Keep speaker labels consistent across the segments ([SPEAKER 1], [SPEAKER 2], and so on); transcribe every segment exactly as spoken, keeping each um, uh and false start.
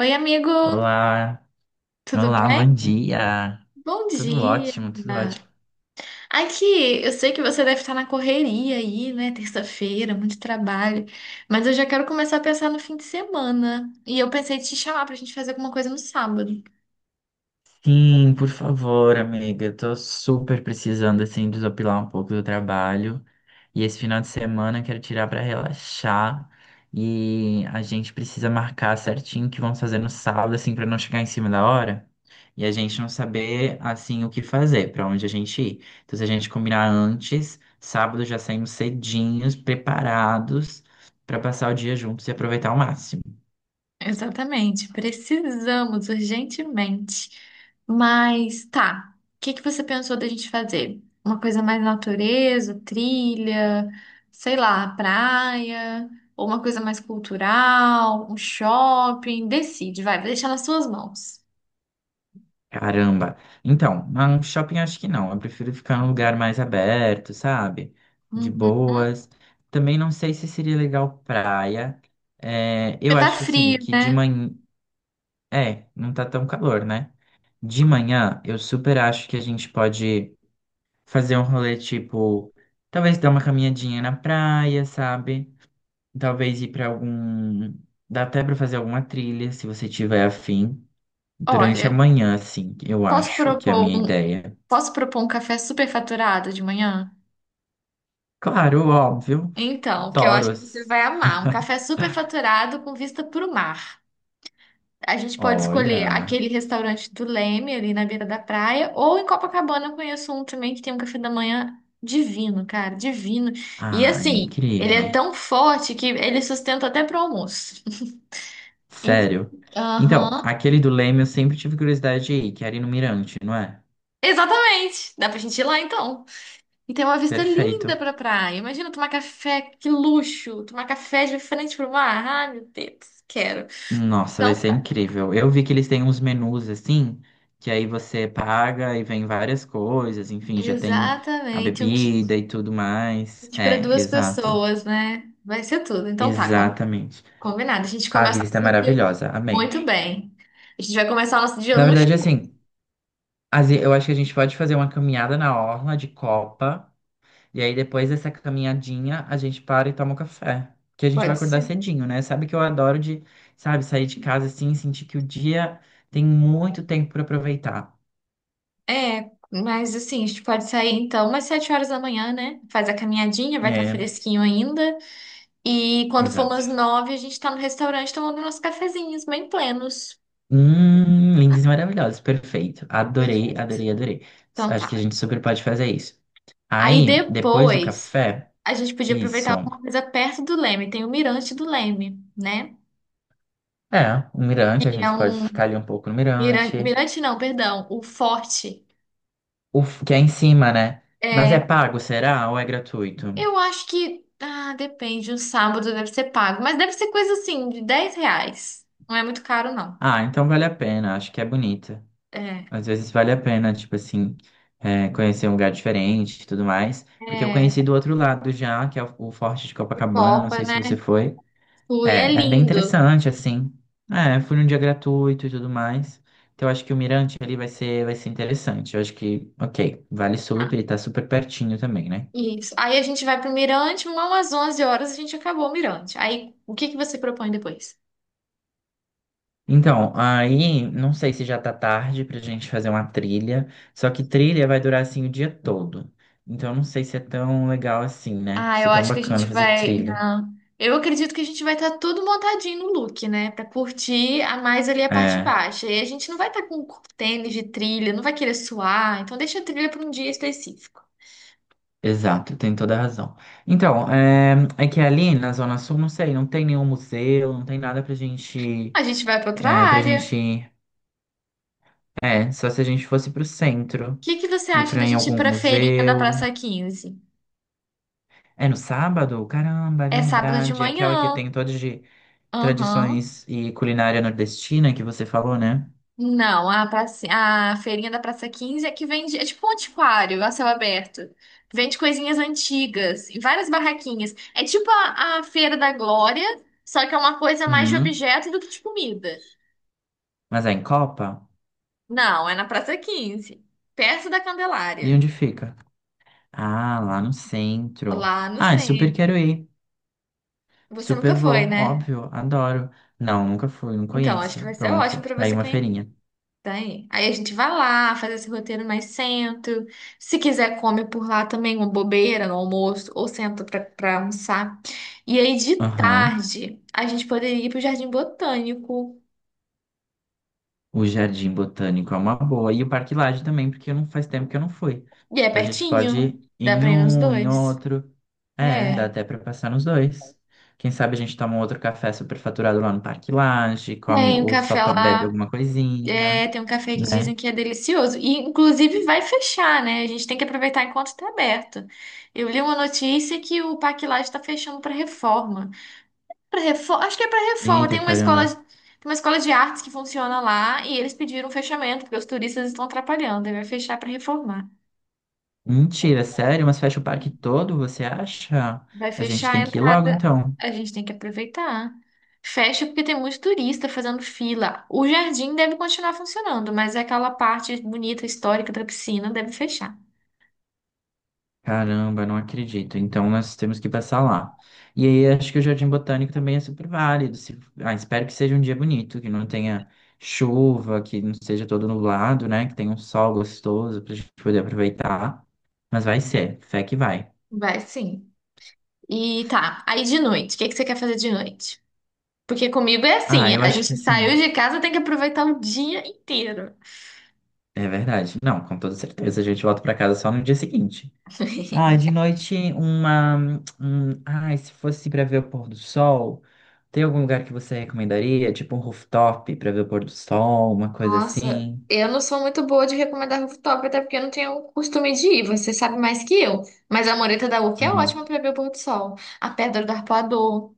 [SPEAKER 1] Oi, amigo,
[SPEAKER 2] Olá,
[SPEAKER 1] tudo
[SPEAKER 2] olá, bom
[SPEAKER 1] bem?
[SPEAKER 2] dia.
[SPEAKER 1] Bom
[SPEAKER 2] Tudo
[SPEAKER 1] dia.
[SPEAKER 2] ótimo, tudo ótimo.
[SPEAKER 1] Aqui, eu sei que você deve estar na correria aí, né? Terça-feira, muito trabalho, mas eu já quero começar a pensar no fim de semana. E eu pensei em te chamar pra gente fazer alguma coisa no sábado.
[SPEAKER 2] Sim, por favor, amiga. Eu tô super precisando, assim, desopilar um pouco do trabalho. E esse final de semana eu quero tirar pra relaxar. E a gente precisa marcar certinho o que vamos fazer no sábado, assim, pra não chegar em cima da hora. E a gente não saber, assim, o que fazer, pra onde a gente ir. Então, se a gente combinar antes, sábado já saímos cedinhos, preparados, pra passar o dia juntos e aproveitar ao máximo.
[SPEAKER 1] Exatamente, precisamos urgentemente. Mas tá, o que que você pensou da gente fazer? Uma coisa mais natureza, trilha, sei lá, praia, ou uma coisa mais cultural, um shopping? Decide, vai, vou deixar nas suas mãos.
[SPEAKER 2] Caramba. Então, mas um shopping acho que não. Eu prefiro ficar num lugar mais aberto, sabe? De
[SPEAKER 1] Uhum.
[SPEAKER 2] boas. Também não sei se seria legal praia. É, eu
[SPEAKER 1] Porque tá
[SPEAKER 2] acho assim
[SPEAKER 1] frio,
[SPEAKER 2] que de
[SPEAKER 1] né?
[SPEAKER 2] manhã. É, não tá tão calor, né? De manhã, eu super acho que a gente pode fazer um rolê tipo. Talvez dar uma caminhadinha na praia, sabe? Talvez ir pra algum. Dá até pra fazer alguma trilha, se você tiver afim. Durante a
[SPEAKER 1] Olha,
[SPEAKER 2] manhã, assim, eu
[SPEAKER 1] posso
[SPEAKER 2] acho que é a
[SPEAKER 1] propor
[SPEAKER 2] minha
[SPEAKER 1] um,
[SPEAKER 2] ideia.
[SPEAKER 1] posso propor um café superfaturado de manhã?
[SPEAKER 2] Claro, óbvio,
[SPEAKER 1] Então, que eu acho que você
[SPEAKER 2] toros.
[SPEAKER 1] vai amar, um café superfaturado com vista para o mar. A gente pode escolher
[SPEAKER 2] Olha,
[SPEAKER 1] aquele restaurante do Leme, ali na beira da praia, ou em Copacabana eu conheço um também que tem um café da manhã divino, cara, divino. E
[SPEAKER 2] ah,
[SPEAKER 1] assim, ele é
[SPEAKER 2] incrível.
[SPEAKER 1] tão forte que ele sustenta até pro almoço. Em-
[SPEAKER 2] Sério. Então,
[SPEAKER 1] Aham.
[SPEAKER 2] aquele do Leme eu sempre tive curiosidade de ir, que era ir no Mirante, não é?
[SPEAKER 1] Exatamente. Dá pra gente ir lá então. E tem uma vista linda
[SPEAKER 2] Perfeito.
[SPEAKER 1] pra praia. Imagina tomar café, que luxo! Tomar café de frente pro mar. Ai, meu Deus, quero.
[SPEAKER 2] Nossa, vai
[SPEAKER 1] Então
[SPEAKER 2] ser
[SPEAKER 1] tá.
[SPEAKER 2] incrível. Eu vi que eles têm uns menus assim, que aí você paga e vem várias coisas, enfim, já tem a
[SPEAKER 1] Exatamente, um kit
[SPEAKER 2] bebida e tudo mais.
[SPEAKER 1] para
[SPEAKER 2] É,
[SPEAKER 1] duas
[SPEAKER 2] exato.
[SPEAKER 1] pessoas, né? Vai ser tudo. Então tá,
[SPEAKER 2] Exatamente.
[SPEAKER 1] combinado. A gente
[SPEAKER 2] A
[SPEAKER 1] começa o
[SPEAKER 2] vista é
[SPEAKER 1] nosso dia
[SPEAKER 2] maravilhosa. Amei.
[SPEAKER 1] muito bem. A gente vai começar o nosso dia
[SPEAKER 2] Na verdade,
[SPEAKER 1] luxuoso.
[SPEAKER 2] assim, as- eu acho que a gente pode fazer uma caminhada na orla de Copa, e aí depois dessa caminhadinha a gente para e toma um café, que a gente vai
[SPEAKER 1] Pode
[SPEAKER 2] acordar
[SPEAKER 1] ser.
[SPEAKER 2] cedinho, né? Sabe que eu adoro de, sabe, sair de casa assim, sentir que o dia tem muito tempo para aproveitar.
[SPEAKER 1] É, mas assim, a gente pode sair então umas sete horas da manhã, né? Faz a caminhadinha, vai estar
[SPEAKER 2] É,
[SPEAKER 1] fresquinho ainda. E quando for
[SPEAKER 2] exato.
[SPEAKER 1] umas nove, a gente tá no restaurante tomando nossos cafezinhos, bem plenos.
[SPEAKER 2] Hum, lindos e maravilhosos, perfeito. Adorei,
[SPEAKER 1] Perfeito.
[SPEAKER 2] adorei, adorei. S-
[SPEAKER 1] Então
[SPEAKER 2] Acho que a
[SPEAKER 1] tá.
[SPEAKER 2] gente super pode fazer isso.
[SPEAKER 1] Aí
[SPEAKER 2] Aí, depois do
[SPEAKER 1] depois,
[SPEAKER 2] café,
[SPEAKER 1] a gente podia
[SPEAKER 2] isso.
[SPEAKER 1] aproveitar alguma coisa perto do Leme. Tem o Mirante do Leme, né?
[SPEAKER 2] É, o mirante, a
[SPEAKER 1] Que é
[SPEAKER 2] gente pode
[SPEAKER 1] um.
[SPEAKER 2] ficar ali um pouco no
[SPEAKER 1] Mira-
[SPEAKER 2] mirante.
[SPEAKER 1] Mirante não, perdão. O Forte.
[SPEAKER 2] O f- que é em cima, né? Mas é
[SPEAKER 1] É,
[SPEAKER 2] pago, será? Ou é gratuito?
[SPEAKER 1] eu acho que. Ah, depende. O sábado deve ser pago. Mas deve ser coisa assim, de dez reais. Não é muito caro, não.
[SPEAKER 2] Ah, então vale a pena, acho que é bonita.
[SPEAKER 1] É.
[SPEAKER 2] Às vezes vale a pena, tipo assim, é, conhecer um lugar diferente e tudo mais. Porque eu
[SPEAKER 1] É.
[SPEAKER 2] conheci do outro lado já, que é o o Forte de Copacabana, não
[SPEAKER 1] Pipoca,
[SPEAKER 2] sei se você
[SPEAKER 1] né?
[SPEAKER 2] foi.
[SPEAKER 1] Fui, é
[SPEAKER 2] É, é bem
[SPEAKER 1] lindo.
[SPEAKER 2] interessante, assim. É, fui num dia gratuito e tudo mais. Então eu acho que o Mirante ali vai ser, vai ser interessante. Eu acho que, ok, vale
[SPEAKER 1] Ah,
[SPEAKER 2] super e tá super pertinho também, né?
[SPEAKER 1] isso. Aí a gente vai pro Mirante, umas onze horas a gente acabou o Mirante. Aí, o que que você propõe depois?
[SPEAKER 2] Então, aí, não sei se já tá tarde pra gente fazer uma trilha, só que trilha vai durar assim o dia todo. Então, não sei se é tão legal assim, né?
[SPEAKER 1] Ah,
[SPEAKER 2] Se
[SPEAKER 1] eu
[SPEAKER 2] é tão
[SPEAKER 1] acho que a
[SPEAKER 2] bacana
[SPEAKER 1] gente
[SPEAKER 2] fazer
[SPEAKER 1] vai.
[SPEAKER 2] trilha.
[SPEAKER 1] Não. Eu acredito que a gente vai estar tudo montadinho no look, né? Pra curtir a mais ali a parte
[SPEAKER 2] É,
[SPEAKER 1] baixa. E a gente não vai estar com tênis de trilha, não vai querer suar. Então deixa a trilha pra um dia específico.
[SPEAKER 2] exato, tem toda a razão. Então, é, é que ali na Zona Sul, não sei, não tem nenhum museu, não tem nada pra gente,
[SPEAKER 1] A gente vai para outra
[SPEAKER 2] é, pra
[SPEAKER 1] área. O
[SPEAKER 2] gente, é, só se a gente fosse pro centro,
[SPEAKER 1] que que você
[SPEAKER 2] ir
[SPEAKER 1] acha
[SPEAKER 2] pra
[SPEAKER 1] da
[SPEAKER 2] em
[SPEAKER 1] gente ir
[SPEAKER 2] algum
[SPEAKER 1] para feirinha da
[SPEAKER 2] museu.
[SPEAKER 1] Praça Quinze?
[SPEAKER 2] É no sábado? Caramba, é
[SPEAKER 1] É sábado de
[SPEAKER 2] verdade. É aquela que
[SPEAKER 1] manhã.
[SPEAKER 2] tem toda de
[SPEAKER 1] Aham.
[SPEAKER 2] tradições e culinária nordestina que você falou, né?
[SPEAKER 1] Não, a, praça, a feirinha da Praça Quinze é que vende, é tipo um antiquário a céu aberto. Vende coisinhas antigas e várias barraquinhas. É tipo a, a Feira da Glória, só que é uma coisa mais de
[SPEAKER 2] Uhum.
[SPEAKER 1] objeto do que de comida.
[SPEAKER 2] Mas é em Copa?
[SPEAKER 1] Não, é na Praça Quinze, perto da
[SPEAKER 2] E
[SPEAKER 1] Candelária,
[SPEAKER 2] onde fica? Ah, lá no centro.
[SPEAKER 1] lá no
[SPEAKER 2] Ah, super
[SPEAKER 1] centro.
[SPEAKER 2] quero ir.
[SPEAKER 1] Você nunca
[SPEAKER 2] Super
[SPEAKER 1] foi,
[SPEAKER 2] vou,
[SPEAKER 1] né?
[SPEAKER 2] óbvio, adoro. Não, nunca fui, não
[SPEAKER 1] Então, acho que
[SPEAKER 2] conheço.
[SPEAKER 1] vai ser ótimo
[SPEAKER 2] Pronto,
[SPEAKER 1] para
[SPEAKER 2] tá aí
[SPEAKER 1] você.
[SPEAKER 2] uma feirinha.
[SPEAKER 1] Tem. Aí a gente vai lá, faz esse roteiro mais sento. Se quiser, come por lá também, uma bobeira no almoço, ou senta pra, pra almoçar. E aí, de
[SPEAKER 2] Aham.
[SPEAKER 1] tarde, a gente poderia ir pro Jardim Botânico.
[SPEAKER 2] O Jardim Botânico é uma boa. E o Parque Lage também, porque não faz tempo que eu não fui.
[SPEAKER 1] E é
[SPEAKER 2] Então a gente
[SPEAKER 1] pertinho,
[SPEAKER 2] pode ir
[SPEAKER 1] dá
[SPEAKER 2] em
[SPEAKER 1] pra ir nos
[SPEAKER 2] um, em
[SPEAKER 1] dois.
[SPEAKER 2] outro. É, dá
[SPEAKER 1] É.
[SPEAKER 2] até para passar nos dois. Quem sabe a gente toma um outro café superfaturado lá no Parque Lage, come
[SPEAKER 1] Tem um
[SPEAKER 2] ou só
[SPEAKER 1] café
[SPEAKER 2] to- bebe
[SPEAKER 1] lá,
[SPEAKER 2] alguma coisinha,
[SPEAKER 1] é, tem um café que
[SPEAKER 2] né?
[SPEAKER 1] dizem que é delicioso. E, inclusive, vai fechar, né? A gente tem que aproveitar enquanto está aberto. Eu li uma notícia que o Parque Lage está fechando para reforma. Pra Refor- Acho que é para reforma. Tem
[SPEAKER 2] Eita,
[SPEAKER 1] uma escola, tem
[SPEAKER 2] caramba.
[SPEAKER 1] uma escola de artes que funciona lá e eles pediram um fechamento porque os turistas estão atrapalhando. Aí vai fechar para reformar.
[SPEAKER 2] Mentira, sério? Mas fecha o parque todo, você acha?
[SPEAKER 1] Vai
[SPEAKER 2] A gente
[SPEAKER 1] fechar a
[SPEAKER 2] tem que ir logo
[SPEAKER 1] entrada.
[SPEAKER 2] então.
[SPEAKER 1] A gente tem que aproveitar. Fecha porque tem muito turista fazendo fila. O jardim deve continuar funcionando, mas aquela parte bonita, histórica da piscina deve fechar.
[SPEAKER 2] Caramba, não acredito. Então nós temos que passar lá. E aí acho que o Jardim Botânico também é super válido. se- Ah, espero que seja um dia bonito, que não tenha chuva, que não seja todo nublado, né? Que tenha um sol gostoso pra gente poder aproveitar. Mas vai ser, fé que vai.
[SPEAKER 1] Vai sim. E tá. Aí de noite, o que que você quer fazer de noite? Porque comigo é
[SPEAKER 2] Ah,
[SPEAKER 1] assim,
[SPEAKER 2] eu
[SPEAKER 1] a
[SPEAKER 2] acho que
[SPEAKER 1] gente saiu
[SPEAKER 2] assim,
[SPEAKER 1] de casa, tem que aproveitar o dia inteiro.
[SPEAKER 2] é verdade. Não, com toda certeza, a gente volta pra casa só no dia seguinte. Ah, de noite uma. Um, ai, se fosse para ver o pôr do sol, tem algum lugar que você recomendaria? Tipo um rooftop para ver o pôr do sol, uma coisa
[SPEAKER 1] Nossa,
[SPEAKER 2] assim?
[SPEAKER 1] eu não sou muito boa de recomendar rooftop, até porque eu não tenho o costume de ir, você sabe mais que eu. Mas a mureta da Urca é
[SPEAKER 2] Hum,
[SPEAKER 1] ótima para ver o pôr do sol. A Pedra do Arpoador.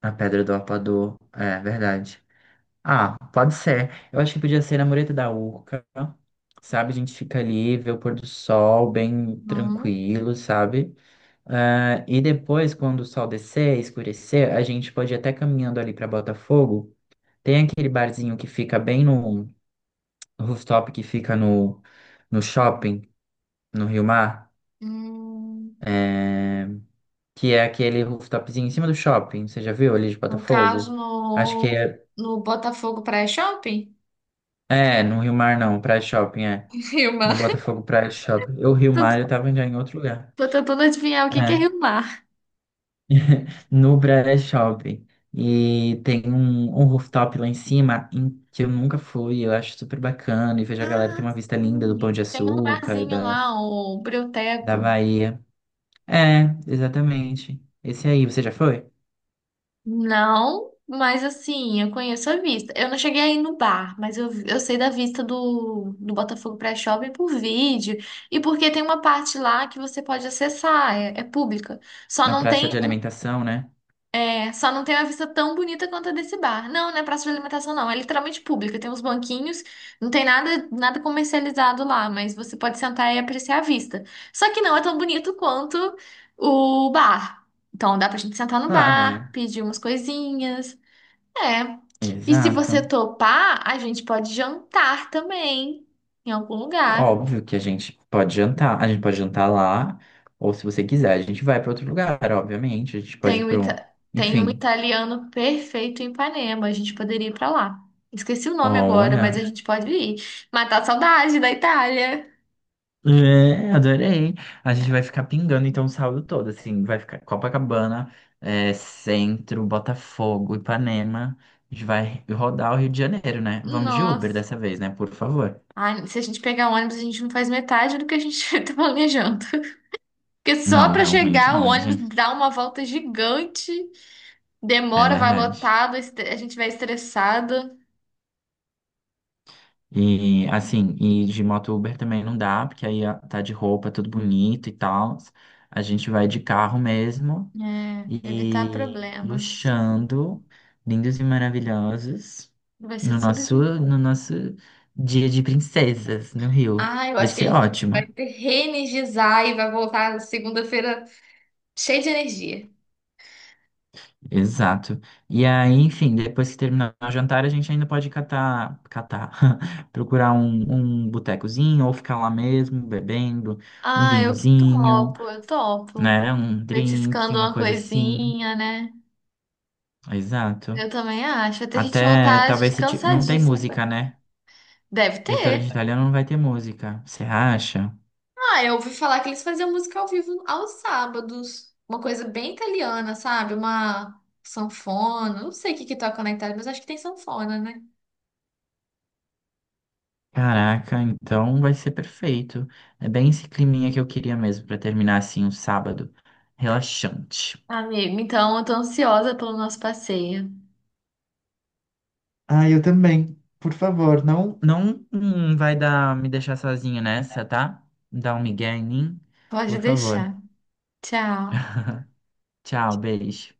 [SPEAKER 2] a Pedra do Apador. É, verdade. Ah, pode ser. Eu acho que podia ser na Mureta da Urca, sabe? A gente fica ali, vê o pôr do sol bem
[SPEAKER 1] Hum,
[SPEAKER 2] tranquilo, sabe? Ah, e depois, quando o sol descer, escurecer, a gente pode ir até caminhando ali para Botafogo. Tem aquele barzinho que fica bem no rooftop que fica no, no shopping, no Rio Mar,
[SPEAKER 1] hum,
[SPEAKER 2] é, que é aquele rooftopzinho em cima do shopping, você já viu ali de
[SPEAKER 1] no caso,
[SPEAKER 2] Botafogo? Acho que
[SPEAKER 1] no,
[SPEAKER 2] é,
[SPEAKER 1] no Botafogo Praia Shopping.
[SPEAKER 2] é no Rio Mar não, Praia Shopping, é.
[SPEAKER 1] Rio
[SPEAKER 2] No
[SPEAKER 1] Mar.
[SPEAKER 2] Botafogo Praia Shopping. Eu, Rio Mar, eu
[SPEAKER 1] Tô,
[SPEAKER 2] tava já em outro lugar.
[SPEAKER 1] tô tentando adivinhar o que que é
[SPEAKER 2] É,
[SPEAKER 1] Rio Mar.
[SPEAKER 2] no Praia Shopping. E tem um, um rooftop lá em cima em- que eu nunca fui, eu acho super bacana. E vejo a galera
[SPEAKER 1] Ah,
[SPEAKER 2] tem uma vista linda do Pão
[SPEAKER 1] sim.
[SPEAKER 2] de
[SPEAKER 1] Tem um
[SPEAKER 2] Açúcar,
[SPEAKER 1] barzinho
[SPEAKER 2] da,
[SPEAKER 1] lá, o
[SPEAKER 2] da
[SPEAKER 1] Brioteco.
[SPEAKER 2] Bahia. É, exatamente. Esse aí, você já foi?
[SPEAKER 1] Não, mas assim, eu conheço a vista. Eu não cheguei aí no bar, mas eu, eu sei da vista do, do Botafogo pré-shopping por vídeo. E porque tem uma parte lá que você pode acessar, é, é pública. Só
[SPEAKER 2] Na
[SPEAKER 1] não
[SPEAKER 2] praça
[SPEAKER 1] tem
[SPEAKER 2] de
[SPEAKER 1] um,
[SPEAKER 2] alimentação, né?
[SPEAKER 1] é, só não tem uma vista tão bonita quanto a desse bar. Não, não é praça de alimentação, não. É literalmente pública. Tem uns banquinhos, não tem nada, nada comercializado lá, mas você pode sentar e apreciar a vista. Só que não é tão bonito quanto o bar. Então dá pra gente sentar no
[SPEAKER 2] Claro,
[SPEAKER 1] bar,
[SPEAKER 2] né?
[SPEAKER 1] pedir umas coisinhas. É. E se
[SPEAKER 2] Exato.
[SPEAKER 1] você topar, a gente pode jantar também em algum lugar.
[SPEAKER 2] Óbvio que a gente pode jantar. A gente pode jantar lá, ou se você quiser, a gente vai para outro lugar, obviamente. A gente pode
[SPEAKER 1] Tem
[SPEAKER 2] ir
[SPEAKER 1] um,
[SPEAKER 2] para um.
[SPEAKER 1] ita- Tem um
[SPEAKER 2] Enfim,
[SPEAKER 1] italiano perfeito em Ipanema, a gente poderia ir pra lá. Esqueci o nome agora, mas a
[SPEAKER 2] olha.
[SPEAKER 1] gente pode ir. Matar a saudade da Itália.
[SPEAKER 2] É, adorei. A gente vai ficar pingando então o sábado todo, assim, vai ficar Copacabana, é, Centro, Botafogo, Ipanema. A gente vai rodar o Rio de Janeiro, né? Vamos de Uber
[SPEAKER 1] Nossa.
[SPEAKER 2] dessa vez, né? Por favor.
[SPEAKER 1] Ai, se a gente pegar ônibus, a gente não faz metade do que a gente tá planejando. Porque só
[SPEAKER 2] Não,
[SPEAKER 1] pra
[SPEAKER 2] realmente
[SPEAKER 1] chegar, o
[SPEAKER 2] não, hein,
[SPEAKER 1] ônibus
[SPEAKER 2] gente.
[SPEAKER 1] dá uma volta gigante,
[SPEAKER 2] É
[SPEAKER 1] demora, vai
[SPEAKER 2] verdade.
[SPEAKER 1] lotado, a gente vai estressada.
[SPEAKER 2] E assim, e de moto Uber também não dá, porque aí ó, tá de roupa, tudo bonito e tal. A gente vai de carro mesmo
[SPEAKER 1] É, evitar
[SPEAKER 2] e
[SPEAKER 1] problemas.
[SPEAKER 2] luxando, lindos e maravilhosos,
[SPEAKER 1] Vai ser
[SPEAKER 2] no
[SPEAKER 1] tudo
[SPEAKER 2] nosso,
[SPEAKER 1] de bom.
[SPEAKER 2] no nosso dia de princesas no Rio.
[SPEAKER 1] Ah, eu
[SPEAKER 2] Vai
[SPEAKER 1] acho que a
[SPEAKER 2] ser
[SPEAKER 1] gente vai
[SPEAKER 2] ótimo.
[SPEAKER 1] ter reenergizar e vai voltar segunda-feira cheio de energia.
[SPEAKER 2] Exato. E aí, enfim, depois que terminar o jantar, a gente ainda pode catar, catar, procurar um, um botecozinho ou ficar lá mesmo bebendo um
[SPEAKER 1] Ah, eu
[SPEAKER 2] vinhozinho,
[SPEAKER 1] topo, eu topo.
[SPEAKER 2] né? Um drink,
[SPEAKER 1] Petiscando
[SPEAKER 2] uma
[SPEAKER 1] uma
[SPEAKER 2] coisa assim.
[SPEAKER 1] coisinha, né?
[SPEAKER 2] Exato.
[SPEAKER 1] Eu também acho. Até a gente
[SPEAKER 2] Até
[SPEAKER 1] voltar
[SPEAKER 2] talvez se ti- não tem
[SPEAKER 1] cansadíssimo.
[SPEAKER 2] música, né?
[SPEAKER 1] Deve
[SPEAKER 2] Restaurante
[SPEAKER 1] ter.
[SPEAKER 2] italiano não vai ter música. Você acha?
[SPEAKER 1] Ah, eu ouvi falar que eles faziam música ao vivo aos sábados. Uma coisa bem italiana, sabe? Uma sanfona. Não sei o que que toca na Itália, mas acho que tem sanfona, né?
[SPEAKER 2] Caraca, então vai ser perfeito. É bem esse climinha que eu queria mesmo pra terminar assim um sábado relaxante.
[SPEAKER 1] Amigo, então eu tô ansiosa pelo nosso passeio.
[SPEAKER 2] Ah, eu também. Por favor, não, não hum, vai dar me deixar sozinho nessa, tá? Dá um migué em mim,
[SPEAKER 1] Pode
[SPEAKER 2] por favor.
[SPEAKER 1] deixar. Tchau.
[SPEAKER 2] Tchau, beijo.